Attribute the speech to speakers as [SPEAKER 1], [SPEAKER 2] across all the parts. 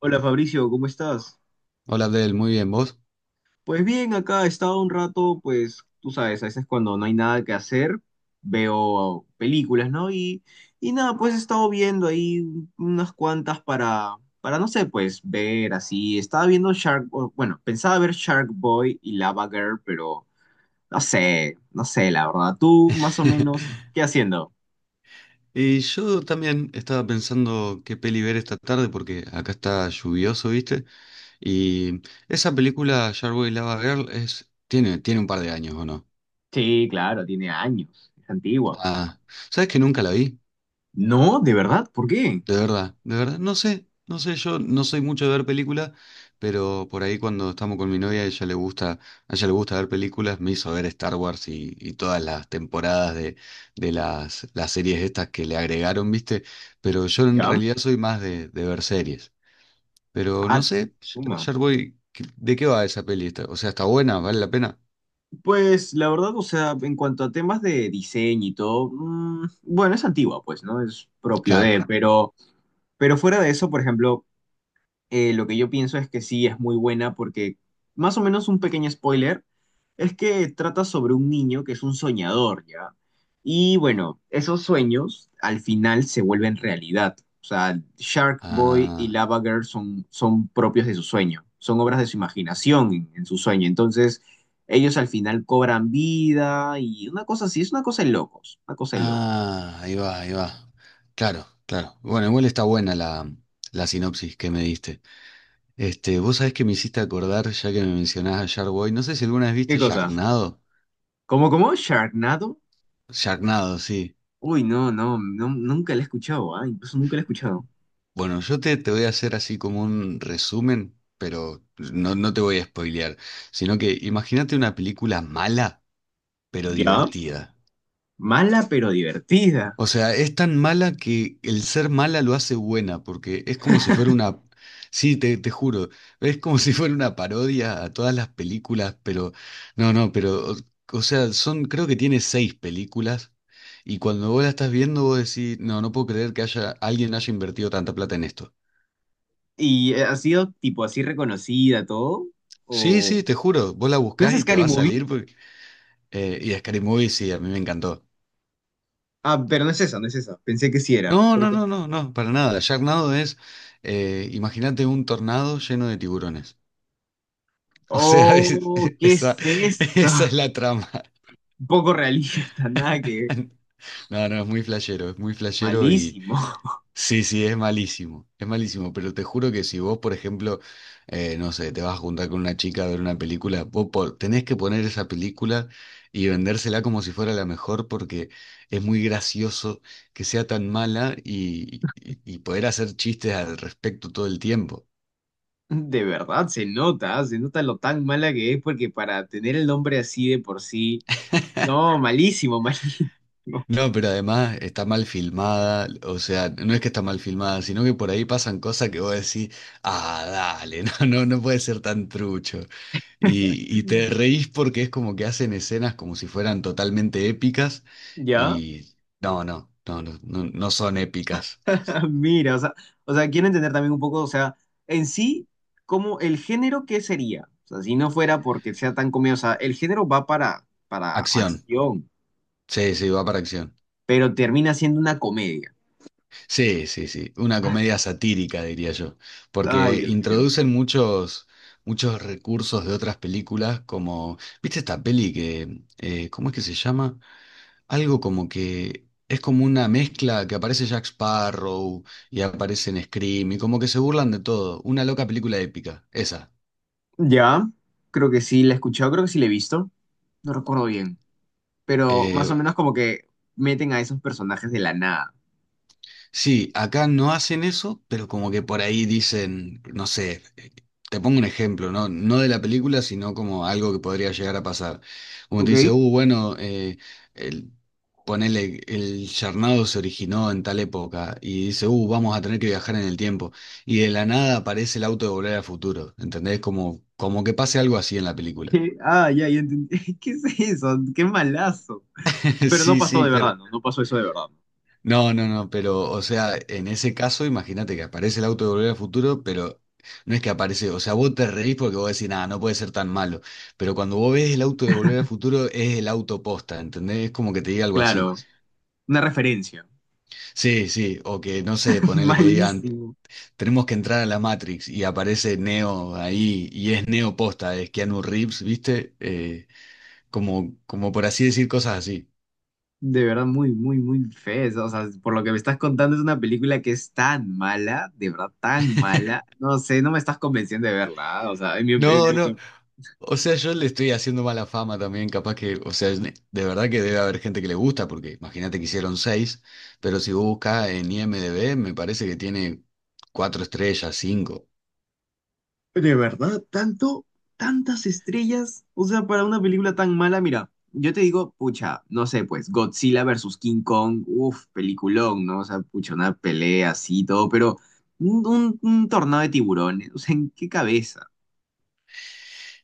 [SPEAKER 1] Hola Fabricio, ¿cómo estás?
[SPEAKER 2] Hola Abdel, muy bien, ¿vos?
[SPEAKER 1] Pues bien, acá he estado un rato, pues tú sabes, a veces cuando no hay nada que hacer, veo películas, ¿no? Y nada, pues he estado viendo ahí unas cuantas para, no sé, pues ver así. Estaba viendo bueno, pensaba ver Shark Boy y Lava Girl, pero no sé, la verdad. ¿Tú más o menos qué haciendo?
[SPEAKER 2] Y yo también estaba pensando qué peli ver esta tarde porque acá está lluvioso, ¿viste? Y esa película, Sharkboy Lava Girl, tiene un par de años, ¿o no?
[SPEAKER 1] Sí, claro, tiene años, es antigua.
[SPEAKER 2] Ah, ¿sabes que nunca la vi?
[SPEAKER 1] No, de verdad, ¿por qué?
[SPEAKER 2] De verdad, no sé, no sé, yo no soy mucho de ver películas, pero por ahí cuando estamos con mi novia, a ella le gusta ver películas, me hizo ver Star Wars y todas las temporadas de las series estas que le agregaron, ¿viste? Pero yo en
[SPEAKER 1] Ya.
[SPEAKER 2] realidad soy más de ver series. Pero no
[SPEAKER 1] Ah,
[SPEAKER 2] sé,
[SPEAKER 1] suma.
[SPEAKER 2] ayer voy, ¿de qué va esa peli? O sea, ¿está buena? ¿Vale la pena?
[SPEAKER 1] Pues la verdad, o sea, en cuanto a temas de diseño y todo, bueno, es antigua, pues, ¿no? Es propio
[SPEAKER 2] Claro.
[SPEAKER 1] de, pero fuera de eso, por ejemplo, lo que yo pienso es que sí es muy buena porque, más o menos un pequeño spoiler, es que trata sobre un niño que es un soñador, ¿ya? Y bueno, esos sueños al final se vuelven realidad. O sea, Shark Boy y
[SPEAKER 2] Ah,
[SPEAKER 1] Lava Girl son propios de su sueño, son obras de su imaginación en su sueño. Entonces, ellos al final cobran vida y una cosa así, es una cosa de locos, una cosa de locos.
[SPEAKER 2] ah, ahí va, ahí va. Claro, claro. Bueno, igual está buena la sinopsis que me diste. Este, vos sabés que me hiciste acordar, ya que me mencionás a Sharkboy, no sé si alguna vez
[SPEAKER 1] ¿Qué
[SPEAKER 2] viste
[SPEAKER 1] cosa?
[SPEAKER 2] Sharknado.
[SPEAKER 1] ¿Cómo? ¿Sharknado?
[SPEAKER 2] Sharknado, sí.
[SPEAKER 1] Uy, no, no, no, nunca la he escuchado, ¿ah? Incluso nunca la he escuchado.
[SPEAKER 2] Bueno, yo te voy a hacer así como un resumen, pero no, no te voy a spoilear, sino que imagínate una película mala, pero
[SPEAKER 1] Ya,
[SPEAKER 2] divertida.
[SPEAKER 1] mala pero divertida.
[SPEAKER 2] O sea, es tan mala que el ser mala lo hace buena, porque es como si fuera una. Sí, te juro, es como si fuera una parodia a todas las películas, pero. No, no, pero. O sea, creo que tiene seis películas, y cuando vos la estás viendo, vos decís, no, no puedo creer que alguien haya invertido tanta plata en esto.
[SPEAKER 1] ¿Y ha sido tipo así reconocida todo?
[SPEAKER 2] Sí,
[SPEAKER 1] ¿O
[SPEAKER 2] sí, te juro, vos la
[SPEAKER 1] no es
[SPEAKER 2] buscás y te
[SPEAKER 1] Scary
[SPEAKER 2] va a
[SPEAKER 1] Movie?
[SPEAKER 2] salir, y Scary Movie, sí, a mí me encantó.
[SPEAKER 1] Ah, pero no es esa, no es esa. Pensé que sí era.
[SPEAKER 2] No, no,
[SPEAKER 1] Porque...
[SPEAKER 2] no, no, no, para nada. Sharknado imagínate un tornado lleno de tiburones. O sea,
[SPEAKER 1] Oh, ¿qué
[SPEAKER 2] esa,
[SPEAKER 1] es eso?
[SPEAKER 2] esa es la trama.
[SPEAKER 1] Poco realista, nada que ver.
[SPEAKER 2] No, no, es muy flashero y
[SPEAKER 1] Malísimo.
[SPEAKER 2] sí, sí, es malísimo, pero te juro que si vos, por ejemplo, no sé, te vas a juntar con una chica a ver una película, tenés que poner esa película y vendérsela como si fuera la mejor porque es muy gracioso que sea tan mala y, y poder hacer chistes al respecto todo el tiempo.
[SPEAKER 1] De verdad, se nota, ¿ah? Se nota lo tan mala que es, porque para tener el nombre así de por sí. No, malísimo, malísimo.
[SPEAKER 2] No, pero además está mal filmada, o sea, no es que está mal filmada, sino que por ahí pasan cosas que vos decís, ah, dale, no, no puede ser tan trucho. Y te reís porque es como que hacen escenas como si fueran totalmente épicas
[SPEAKER 1] ¿Ya?
[SPEAKER 2] y no, no, no, no, no son épicas.
[SPEAKER 1] Mira, o sea, quiero entender también un poco, o sea, en sí, como el género, ¿qué sería? O sea, si no fuera porque sea tan comedia, o sea, el género va para
[SPEAKER 2] Acción,
[SPEAKER 1] acción,
[SPEAKER 2] sí, sí, va para acción.
[SPEAKER 1] pero termina siendo una comedia.
[SPEAKER 2] Sí, sí, sí, una comedia satírica, diría yo,
[SPEAKER 1] Ay,
[SPEAKER 2] porque
[SPEAKER 1] Dios mío.
[SPEAKER 2] introducen muchos recursos de otras películas, como, ¿viste esta peli cómo es que se llama? Algo como que es como una mezcla que aparece Jack Sparrow y aparece en Scream y como que se burlan de todo, una loca película épica, esa.
[SPEAKER 1] Ya, creo que sí la he escuchado, creo que sí la he visto, no recuerdo bien, pero
[SPEAKER 2] Eh,
[SPEAKER 1] más o menos como que meten a esos personajes de la nada,
[SPEAKER 2] Sí, acá no hacen eso, pero como que por ahí dicen, no sé, te pongo un ejemplo, ¿no? No de la película, sino como algo que podría llegar a pasar. Como te
[SPEAKER 1] ¿ok?
[SPEAKER 2] dice, bueno, el, ponele, el charnado se originó en tal época, y dice, vamos a tener que viajar en el tiempo, y de la nada aparece el auto de Volver al Futuro, ¿entendés? Como que pase algo así en la película.
[SPEAKER 1] ¿Qué? Ah, ya entendí. ¿Qué es eso? ¡Qué malazo! Pero no
[SPEAKER 2] Sí,
[SPEAKER 1] pasó
[SPEAKER 2] sí,
[SPEAKER 1] de
[SPEAKER 2] pero.
[SPEAKER 1] verdad, ¿no? No pasó eso de verdad, ¿no?
[SPEAKER 2] No, no, no, pero, o sea, en ese caso, imagínate que aparece el auto de Volver al Futuro, pero no es que aparece, o sea, vos te reís porque vos decís, nada, no puede ser tan malo, pero cuando vos ves el auto de Volver al Futuro, es el auto posta, ¿entendés? Es como que te diga algo
[SPEAKER 1] Claro,
[SPEAKER 2] así.
[SPEAKER 1] una referencia.
[SPEAKER 2] Sí, sí, o que, no sé, ponele que digan,
[SPEAKER 1] Malísimo.
[SPEAKER 2] tenemos que entrar a la Matrix y aparece Neo ahí y es Neo posta, es Keanu Reeves, ¿viste? Como, por así decir cosas así.
[SPEAKER 1] De verdad, muy feo. O sea, por lo que me estás contando, es una película que es tan mala, de verdad, tan mala. No sé, no me estás convenciendo de verla. O sea, en
[SPEAKER 2] No,
[SPEAKER 1] lo
[SPEAKER 2] no.
[SPEAKER 1] que...
[SPEAKER 2] O sea, yo le estoy haciendo mala fama también, capaz que, o sea, de verdad que debe haber gente que le gusta, porque imagínate que hicieron seis, pero si vos buscas en IMDb, me parece que tiene cuatro estrellas, cinco.
[SPEAKER 1] De verdad, tanto, tantas estrellas. O sea, para una película tan mala, mira, yo te digo, pucha, no sé, pues, Godzilla versus King Kong, uff, peliculón, ¿no? O sea, pucha, una pelea así y todo, pero un tornado de tiburones. O sea, ¿en qué cabeza?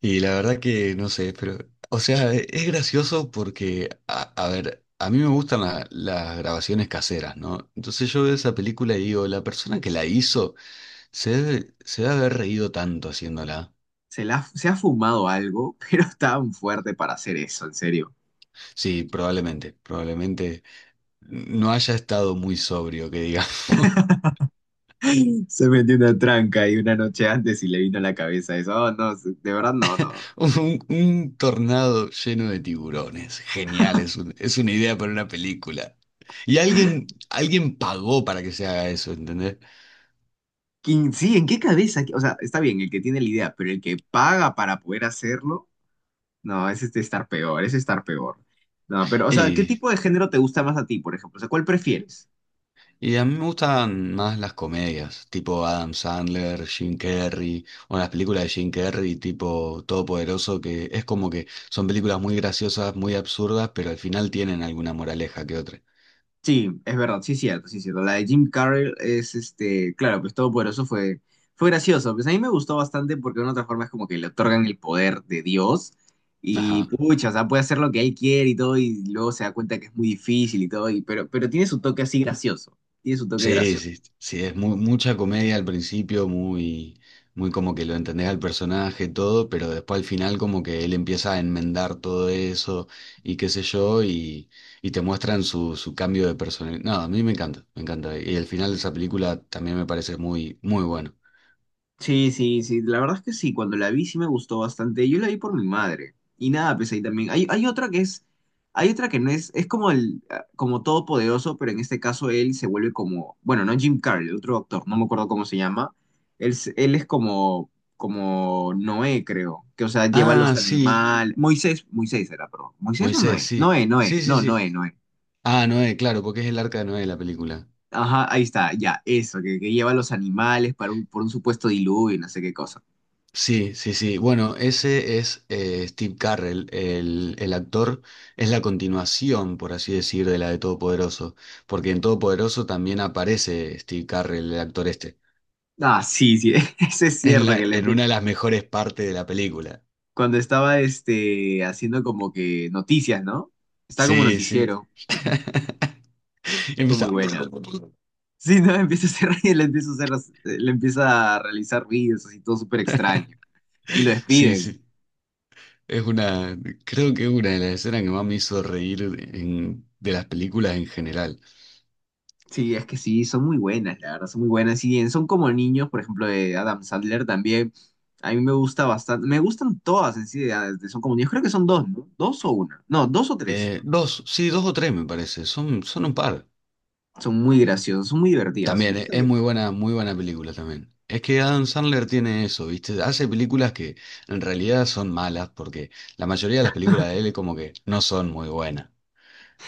[SPEAKER 2] Y la verdad que no sé, pero, o sea, es gracioso porque, a ver, a mí me gustan las grabaciones caseras, ¿no? Entonces yo veo esa película y digo, la persona que la hizo se debe haber reído tanto haciéndola.
[SPEAKER 1] Se ha fumado algo, pero tan fuerte para hacer eso, en serio.
[SPEAKER 2] Sí, probablemente no haya estado muy sobrio, que digamos.
[SPEAKER 1] Se metió una tranca y una noche antes y le vino a la cabeza eso. Oh, no, de verdad no, no.
[SPEAKER 2] Un tornado lleno de tiburones. Genial, es una idea para una película. Y alguien pagó para que se haga eso, ¿entendés?
[SPEAKER 1] ¿Quién, sí, en qué cabeza? O sea, está bien el que tiene la idea, pero el que paga para poder hacerlo, no, ese es estar peor, ese es estar peor. No, pero, o sea, ¿qué
[SPEAKER 2] Y,
[SPEAKER 1] tipo de género te gusta más a ti, por ejemplo? O sea, ¿cuál prefieres?
[SPEAKER 2] y a mí me gustan más las comedias, tipo Adam Sandler, Jim Carrey, o las películas de Jim Carrey, tipo Todopoderoso, que es como que son películas muy graciosas, muy absurdas, pero al final tienen alguna moraleja que otra.
[SPEAKER 1] Sí, es verdad, sí, cierto, sí, cierto. La de Jim Carrey es, este, claro, pues Todopoderoso fue gracioso. Pues a mí me gustó bastante porque de una otra forma es como que le otorgan el poder de Dios y,
[SPEAKER 2] Ajá.
[SPEAKER 1] pucha, o sea, puede hacer lo que él quiere y todo y luego se da cuenta que es muy difícil y todo, pero tiene su toque así gracioso, tiene su toque
[SPEAKER 2] Sí,
[SPEAKER 1] gracioso.
[SPEAKER 2] sí, sí, es mucha comedia al principio, muy, muy como que lo entendés al personaje, todo, pero después al final como que él empieza a enmendar todo eso y qué sé yo, y te muestran su cambio de personalidad. No, a mí me encanta, me encanta. Y el final de esa película también me parece muy, muy bueno.
[SPEAKER 1] Sí, sí, sí, la verdad es que sí, cuando la vi sí me gustó bastante. Yo la vi por mi madre. Y nada, pues ahí también. Hay otra que es, hay otra que no es, es como como todopoderoso, pero en este caso él se vuelve como, bueno, no Jim Carrey, el otro actor, no me acuerdo cómo se llama. Él es como, como Noé, creo, que o sea, lleva
[SPEAKER 2] Ah,
[SPEAKER 1] los
[SPEAKER 2] sí,
[SPEAKER 1] animales. Moisés era, perdón. ¿Moisés o
[SPEAKER 2] Moisés,
[SPEAKER 1] Noé?
[SPEAKER 2] sí,
[SPEAKER 1] Noé, Noé,
[SPEAKER 2] sí, sí,
[SPEAKER 1] no,
[SPEAKER 2] sí.
[SPEAKER 1] Noé, Noé.
[SPEAKER 2] Ah, Noé, claro, porque es el arca de Noé la película.
[SPEAKER 1] Ajá, ahí está, ya, eso, que lleva los animales para un, por un supuesto diluvio y no sé qué cosa.
[SPEAKER 2] Sí, sí, sí. Bueno, ese es Steve Carrell, el actor, es la continuación, por así decir, de la de Todopoderoso, porque en Todopoderoso también aparece Steve Carrell, el actor este,
[SPEAKER 1] Ah, sí, sí, eso es cierto que
[SPEAKER 2] en una de las mejores partes de la película.
[SPEAKER 1] cuando estaba este haciendo como que noticias, ¿no? Estaba como
[SPEAKER 2] Sí, sí.
[SPEAKER 1] noticiero, fue muy
[SPEAKER 2] Empieza.
[SPEAKER 1] buena. Sí, no, empieza a hacer le empieza a hacer, le empieza a realizar vídeos así todo súper extraño y lo
[SPEAKER 2] Sí,
[SPEAKER 1] despiden.
[SPEAKER 2] sí. Es una, creo que es una de las escenas que más me hizo reír de las películas en general.
[SPEAKER 1] Sí, es que sí, son muy buenas, la verdad, son muy buenas. Y bien, son como niños, por ejemplo, de Adam Sandler también. A mí me gusta bastante, me gustan todas en sí, son como niños, creo que son dos, ¿no? Dos o una, no, dos o tres.
[SPEAKER 2] Dos, sí, dos o tres me parece, son un par.
[SPEAKER 1] Son muy graciosas, son muy divertidas,
[SPEAKER 2] También
[SPEAKER 1] no
[SPEAKER 2] es
[SPEAKER 1] sé,
[SPEAKER 2] muy buena película también. Es que Adam Sandler tiene eso, ¿viste? Hace películas que en realidad son malas, porque la mayoría de las películas de él como que no son muy buenas.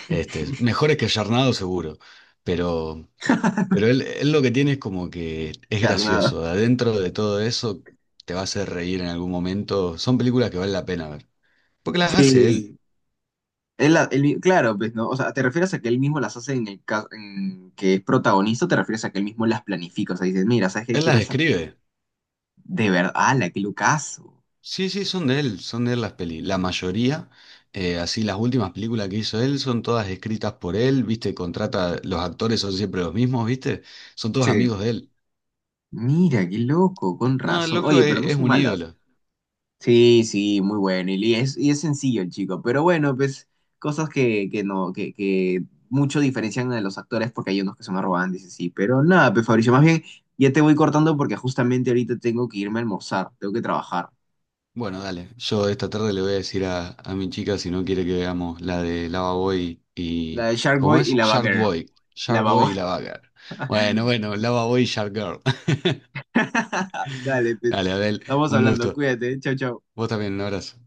[SPEAKER 2] Este, mejores que Yarnado seguro, pero, pero él lo que tiene es como que es
[SPEAKER 1] carnada.
[SPEAKER 2] gracioso. De adentro de todo eso te va a hacer reír en algún momento. Son películas que vale la pena ver. Porque las hace él.
[SPEAKER 1] Él, la- él mi- claro, pues, ¿no? O sea, ¿te refieres a que él mismo las hace en el caso en que es protagonista o te refieres a que él mismo las planifica? O sea, dices, mira, ¿sabes qué?
[SPEAKER 2] Él
[SPEAKER 1] Quiero
[SPEAKER 2] las
[SPEAKER 1] esa...
[SPEAKER 2] escribe.
[SPEAKER 1] De verdad, ¡hala, qué locazo!
[SPEAKER 2] Sí, sí, son de él las pelis. La mayoría, así las últimas películas que hizo él son todas escritas por él, ¿viste? Los actores son siempre los mismos, ¿viste? Son todos
[SPEAKER 1] Sí.
[SPEAKER 2] amigos de él.
[SPEAKER 1] Mira, qué loco, con
[SPEAKER 2] No, el
[SPEAKER 1] razón.
[SPEAKER 2] loco
[SPEAKER 1] Oye, pero
[SPEAKER 2] es,
[SPEAKER 1] no
[SPEAKER 2] es
[SPEAKER 1] son
[SPEAKER 2] un
[SPEAKER 1] malas.
[SPEAKER 2] ídolo.
[SPEAKER 1] Sí, sí, muy bueno. Y es sencillo el chico. Pero bueno, pues cosas que no, que mucho diferencian a los actores porque hay unos que son arrogantes y sí. Pero nada, pues Fabricio, más bien ya te voy cortando porque justamente ahorita tengo que irme a almorzar. Tengo que trabajar.
[SPEAKER 2] Bueno, dale, yo esta tarde le voy a decir a mi chica si no quiere que veamos la de Lava Boy
[SPEAKER 1] La
[SPEAKER 2] y.
[SPEAKER 1] de Shark
[SPEAKER 2] ¿Cómo
[SPEAKER 1] Boy y
[SPEAKER 2] es?
[SPEAKER 1] la
[SPEAKER 2] Shark
[SPEAKER 1] Bagger.
[SPEAKER 2] Boy.
[SPEAKER 1] La
[SPEAKER 2] Shark Boy y
[SPEAKER 1] babona.
[SPEAKER 2] Lava Girl. Bueno, bueno, Lava Boy y Shark Girl.
[SPEAKER 1] Dale, pues.
[SPEAKER 2] Dale, Adel,
[SPEAKER 1] Estamos
[SPEAKER 2] un
[SPEAKER 1] hablando.
[SPEAKER 2] gusto.
[SPEAKER 1] Cuídate. Chau, chau.
[SPEAKER 2] Vos también, un abrazo.